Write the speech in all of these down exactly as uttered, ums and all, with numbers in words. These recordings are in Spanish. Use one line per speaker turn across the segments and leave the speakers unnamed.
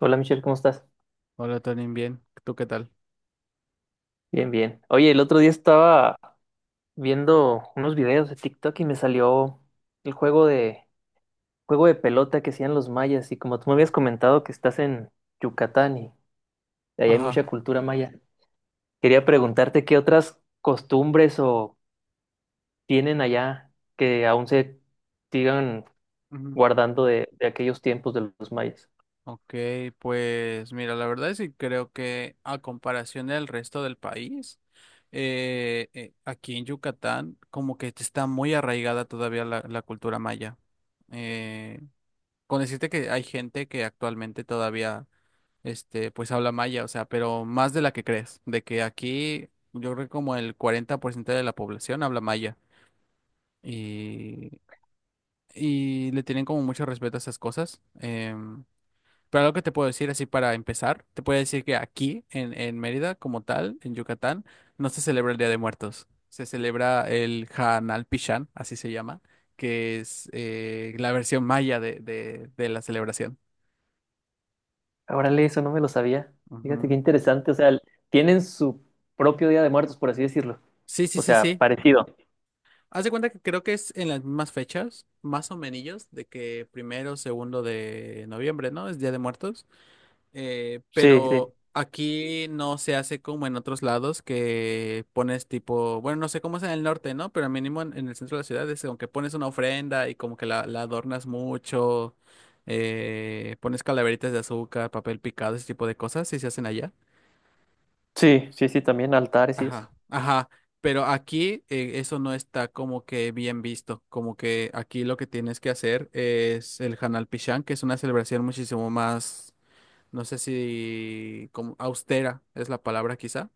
Hola Michelle, ¿cómo estás?
Hola, Tony, bien. ¿Tú qué tal?
Bien, bien. Oye, el otro día estaba viendo unos videos de TikTok y me salió el juego de juego de pelota que hacían los mayas y como tú me habías comentado que estás en Yucatán y ahí hay
Ajá.
mucha cultura maya, quería preguntarte qué otras costumbres o tienen allá que aún se sigan
ujú.
guardando de, de aquellos tiempos de los mayas.
Ok, pues mira, la verdad sí creo que a comparación del resto del país, eh, eh, aquí en Yucatán como que está muy arraigada todavía la, la cultura maya. Eh, con decirte que hay gente que actualmente todavía, este, pues habla maya, o sea, pero más de la que crees, de que aquí yo creo que como el cuarenta por ciento de la población habla maya. Y y le tienen como mucho respeto a esas cosas. Em, pero algo que te puedo decir así para empezar, te puedo decir que aquí en, en Mérida, como tal, en Yucatán, no se celebra el Día de Muertos. Se celebra el Hanal Pichán, así se llama, que es eh, la versión maya de, de- de la celebración.
Órale, eso no me lo sabía. Fíjate qué
Ujú.
interesante, o sea, tienen su propio Día de Muertos, por así decirlo.
Sí, sí,
O
sí,
sea,
sí.
parecido.
Haz de cuenta que creo que es en las mismas fechas, más o menos, de que primero, segundo de noviembre, ¿no? Es Día de Muertos. Eh,
Sí, sí,
pero aquí no se hace como en otros lados que pones tipo, bueno, no sé cómo es en el norte, ¿no? Pero mínimo en, en el centro de la ciudad es como que pones una ofrenda y como que la, la adornas mucho, eh, pones calaveritas de azúcar, papel picado, ese tipo de cosas, si se hacen allá.
sí, sí, sí, también altares y eso.
Ajá, ajá. Pero aquí eh, eso no está como que bien visto, como que aquí lo que tienes que hacer es el Hanal Pichán, que es una celebración muchísimo más, no sé si como austera es la palabra quizá.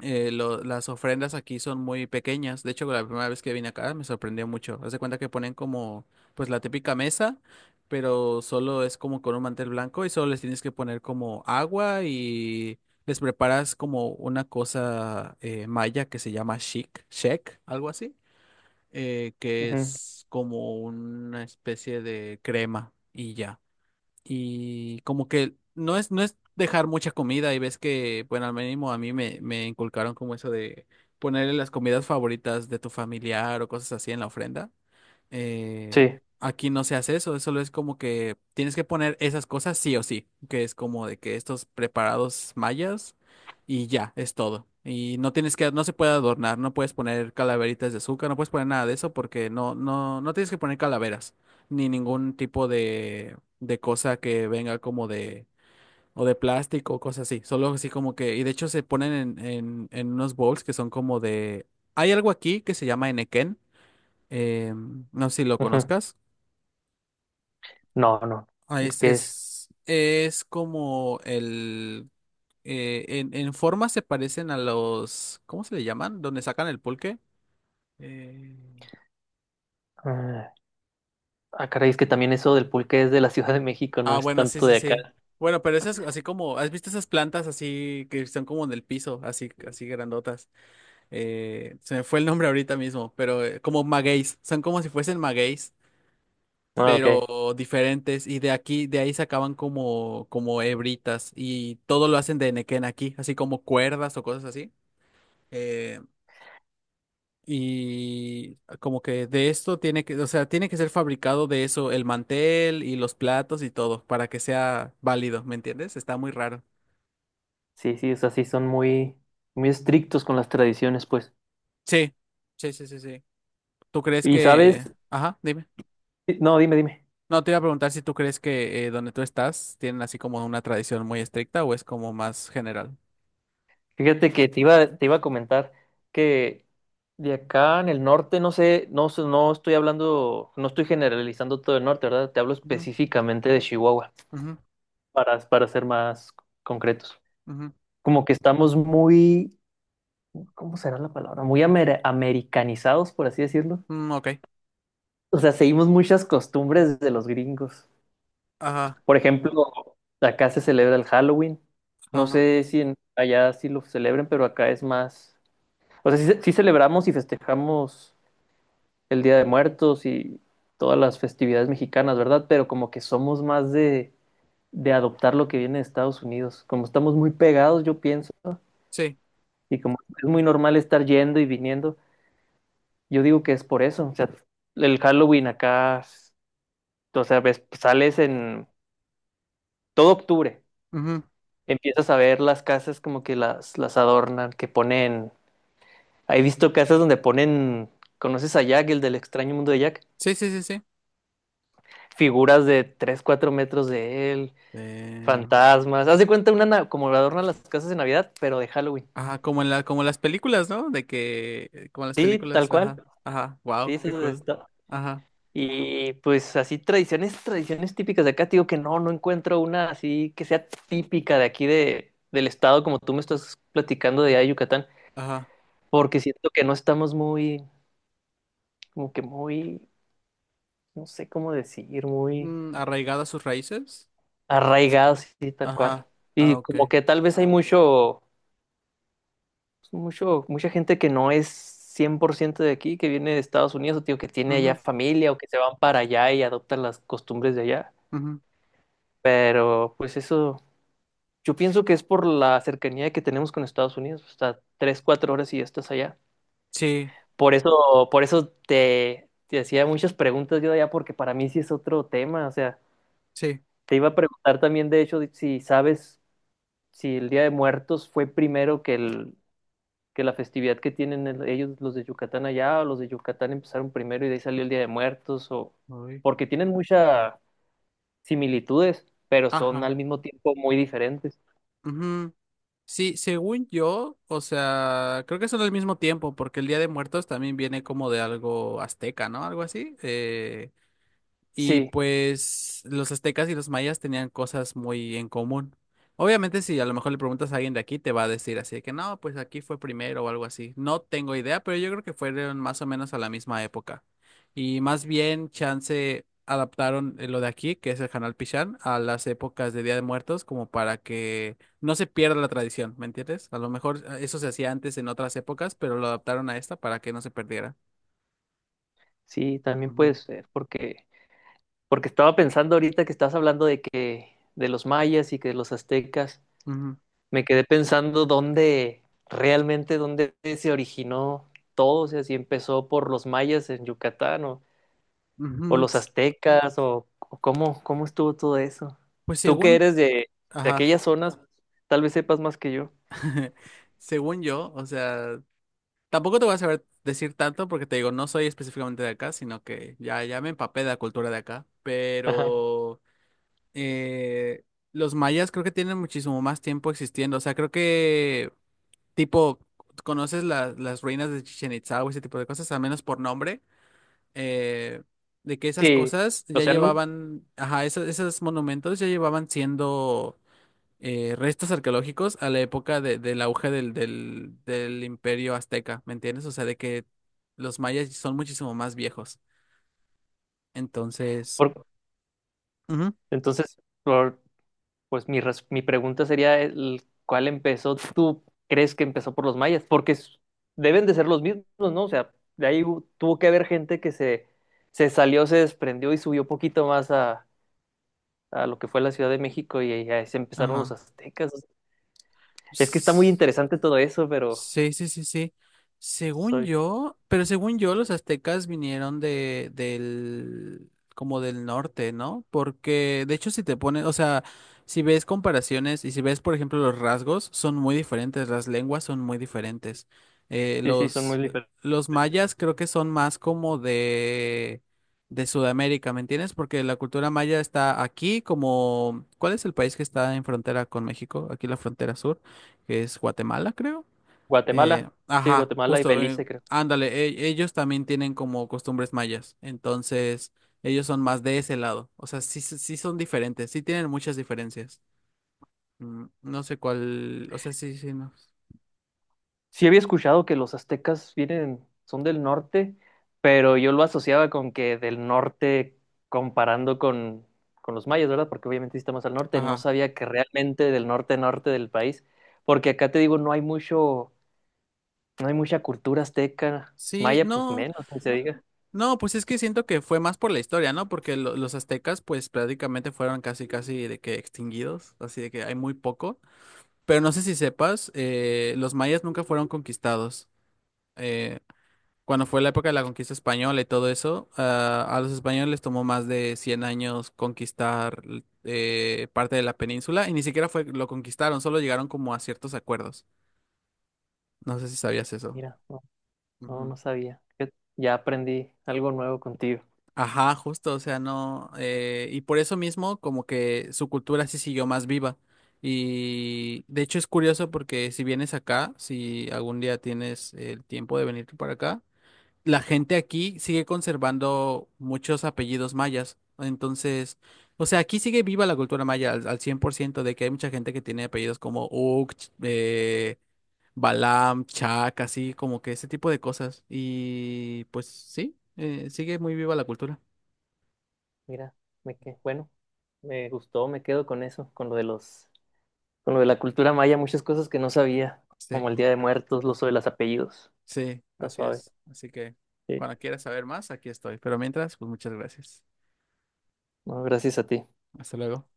Eh, lo- las ofrendas aquí son muy pequeñas. De hecho, la primera vez que vine acá me sorprendió mucho. Haz de cuenta que ponen como pues la típica mesa, pero solo es como con un mantel blanco y solo les tienes que poner como agua y les preparas como una cosa eh, maya que se llama shik, shek, algo así, eh, que
Ujú.
es como una especie de crema y ya, y como que no es, no es dejar mucha comida y ves que, bueno, al mínimo a mí me, me inculcaron como eso de ponerle las comidas favoritas de tu familiar o cosas así en la ofrenda. Eh,
Sí,
Aquí no se hace eso, solo es como que tienes que poner esas cosas sí o sí, que es como de que estos preparados mayas y ya, es todo. Y no tienes que, no se puede adornar, no puedes poner calaveritas de azúcar, no puedes poner nada de eso porque no, no, no tienes que poner calaveras, ni ningún tipo de, de cosa que venga como de, o de plástico o cosas así, solo así como que, y de hecho se ponen en, en, en unos bowls que son como de, hay algo aquí que se llama enequén, eh, no sé si lo
ujú.
conozcas.
No, no,
Ah, es,
que es...
es, es como el... eh, en, En forma se parecen a los... ¿Cómo se le llaman? Donde sacan el pulque. Eh,
Ah, ah, caray, es que también eso del pulque es de la Ciudad de México, no
Ah,
es
bueno, sí,
tanto
sí,
de acá.
sí. Bueno, pero esas así como, ¿has visto esas plantas así que están como en el piso, así, así grandotas? Eh, se me fue el nombre ahorita mismo, pero eh, como magueyes, son como si fuesen magueyes.
Ah, ok.
Pero diferentes. Y de aquí, de ahí sacaban como, como hebritas. Y todo lo hacen de nequén aquí, así como cuerdas o cosas así. Eh, y como que de esto tiene que, o sea, tiene que ser fabricado de eso, el mantel y los platos y todo, para que sea válido, ¿me entiendes? Está muy raro.
Sí, sí, o sea, sí son muy, muy estrictos con las tradiciones, pues.
Sí, sí, sí, sí, sí. ¿Tú crees
Y sabes,
que... Ajá, dime.
sí, no, dime, dime.
No, te iba a preguntar si tú crees que eh, donde tú estás tienen así como una tradición muy estricta o es como más general.
Fíjate que te iba, te iba a comentar que de acá en el norte, no sé, no, sé- no estoy hablando, no estoy generalizando todo el norte, ¿verdad? Te hablo
Ujú,
específicamente de Chihuahua,
ujú,
para, para ser más concretos.
ujú.
Como que estamos muy, ¿cómo será la palabra? Muy amer- americanizados, por así decirlo.
Mm, ok.
O sea, seguimos muchas costumbres de los gringos.
Ajá,
Por ejemplo, acá se celebra el Halloween. No
ajá.
sé si en- Allá sí lo celebren, pero acá es más. O sea, sí, sí celebramos y festejamos el Día de Muertos y todas las festividades mexicanas, ¿verdad? Pero como que somos más de, de adoptar lo que viene de Estados Unidos. Como estamos muy pegados, yo pienso,
Sí.
y como es muy normal estar yendo y viniendo. Yo digo que es por eso. O sea, el Halloween acá, s- o sea, ves, sales en todo octubre.
Ujú.
Empiezas a ver las casas como que las, las adornan, que ponen. He visto casas donde ponen, ¿conoces a Jack, el del extraño mundo de Jack?
Sí, sí, sí, sí.
Figuras de tres cuatro metros de él,
Eh,
fantasmas. Haz de cuenta una, na- como adornan las casas de Navidad, pero de Halloween.
ajá, como en la, como las películas, ¿no? De que, eh, como las
Sí, tal
películas,
cual.
ajá, ajá.
Sí,
Wow, qué
eso es-
cool. Ajá,
Y pues así tradiciones, tradiciones típicas de acá, te digo que no, no encuentro una así que sea típica de aquí de, del estado, como tú me estás platicando de allá de Yucatán,
ajá.
porque siento que no estamos muy, como que muy, no sé cómo decir, muy
Mm, arraigada a sus raíces.
arraigados y tal cual.
Ajá. Ah,
Y
ok.
como que tal vez hay mucho, mucho, mucha gente que no es cien por ciento de aquí, que viene de Estados Unidos, o te digo que tiene allá
Ujú,
familia, o que se van para allá y adoptan las costumbres de allá.
ujú.
Pero pues eso yo pienso que es por la cercanía que tenemos con Estados Unidos, hasta tres, cuatro horas y ya estás allá.
Sí,
Por eso, por eso te, te hacía muchas preguntas yo de allá, porque para mí sí es otro tema. O sea,
sí.
te iba a preguntar también, de hecho, de- si sabes si el Día de Muertos fue primero que el, que la festividad que tienen el- ellos, los de Yucatán allá, o los de Yucatán empezaron primero y de ahí salió el Día de Muertos, o
Uy.
porque tienen muchas similitudes, pero son
Ajá.
al mismo tiempo muy diferentes.
Ujú. Sí, según yo, o sea, creo que son al mismo tiempo, porque el Día de Muertos también viene como de algo azteca, ¿no? Algo así. Eh, Y
Sí,
pues los aztecas y los mayas tenían cosas muy en común. Obviamente, si a lo mejor le preguntas a alguien de aquí, te va a decir así de que no, pues aquí fue primero o algo así. No tengo idea, pero yo creo que fueron más o menos a la misma época. Y más bien, chance adaptaron eh, lo de aquí, que es el Canal Pichán, a las épocas de Día de Muertos, como para que no se pierda la tradición, ¿me entiendes? A lo mejor eh, eso se hacía antes en otras épocas, pero lo adaptaron a esta para que no se perdiera.
sí, también puede
Ujú,
ser, porque porque estaba pensando ahorita que estás hablando de que de los mayas y que de los aztecas, me quedé pensando dónde realmente dónde se originó todo, o sea, si empezó por los mayas en Yucatán o,
ujú,
o
ujú.
los
s-
aztecas o, o cómo cómo estuvo todo eso.
Pues
Tú que
según,
eres de, de
ajá.
aquellas zonas, tal vez sepas más que yo.
Según yo, o sea, tampoco te voy a saber decir tanto porque te digo, no soy específicamente de acá, sino que ya, ya me empapé de la cultura de acá,
Ajá.
pero eh, los mayas creo que tienen muchísimo más tiempo existiendo, o sea, creo que tipo, conoces la- las ruinas de Chichen Itza o ese tipo de cosas, al menos por nombre, eh, de que esas
Sí,
cosas
o
ya
sea, nu-
llevaban, ajá, esos, esos monumentos ya llevaban siendo eh, restos arqueológicos a la época de- del auge del, del, del imperio azteca, ¿me entiendes? O sea, de que los mayas son muchísimo más viejos. Entonces,
por-
ujú,
entonces por- pues mi, res- mi pregunta sería, el- ¿cuál empezó? ¿Tú crees que empezó por los mayas? Porque s- deben de ser los mismos, ¿no? O sea, de ahí hu- tuvo que haber gente que se, se salió, se desprendió y subió poquito más a, a lo que fue la Ciudad de México y ahí ahí se empezaron los
ajá.
aztecas. Es que está muy interesante todo eso, pero
Sí, sí, sí, sí. Según
soy,
yo, pero según yo, los aztecas vinieron de, del, como del norte, ¿no? Porque, de hecho, si te pones, o sea, si ves comparaciones y si ves, por ejemplo, los rasgos, son muy diferentes, las lenguas son muy diferentes. Eh,
sí, sí, son muy
los,
diferentes.
los mayas creo que son más como de, de Sudamérica, ¿me entiendes? Porque la cultura maya está aquí como, ¿cuál es el país que está en frontera con México? Aquí la frontera sur, que es Guatemala, creo. Eh,
Guatemala, sí,
ajá,
Guatemala y
justo, eh,
Belice, creo.
ándale, e- ellos también tienen como costumbres mayas, entonces ellos son más de ese lado, o sea, sí, sí sí son diferentes, sí tienen muchas diferencias. Mm, no sé cuál, o sea, sí, sí, no.
Sí había escuchado que los aztecas vienen, son del norte, pero yo lo asociaba con que del norte comparando con, con los mayas, ¿verdad? Porque obviamente sí está más al norte, no
Ajá.
sabía que realmente del norte norte del país, porque acá te digo, no hay mucho, no hay mucha cultura azteca,
Sí,
maya pues
no,
menos, ni se diga.
no, pues es que siento que fue más por la historia, ¿no? Porque lo- los aztecas, pues prácticamente fueron casi, casi de que extinguidos, así de que hay muy poco. Pero no sé si sepas, eh, los mayas nunca fueron conquistados. eh, Cuando fue la época de la conquista española y todo eso, ah, a los españoles les tomó más de cien años conquistar eh, parte de la península y ni siquiera fue lo conquistaron, solo llegaron como a ciertos acuerdos. No sé si sabías eso.
Mira, no, no,
Ujú.
no sabía. Fíjate, ya aprendí algo nuevo contigo.
Ajá, justo, o sea, no. Eh, y por eso mismo, como que su cultura sí siguió más viva. Y de hecho es curioso porque si vienes acá, si algún día tienes el tiempo de venir para acá, la gente aquí sigue conservando muchos apellidos mayas. Entonces, o sea, aquí sigue viva la cultura maya al, al cien por ciento de que hay mucha gente que tiene apellidos como Uk, Ch- eh, Balam, Chak, así como que ese tipo de cosas. Y pues sí, eh, sigue muy viva la cultura.
Mira, me que, bueno, me gustó, me quedo con eso, con lo de los con lo de la cultura maya, muchas cosas que no sabía,
Sí,
como el Día de Muertos, lo uso de los apellidos.
sí,
Está
así
suave.
es. Así que
Sí.
cuando quieras saber más, aquí estoy. Pero mientras, pues muchas gracias.
No, gracias a ti.
Hasta luego.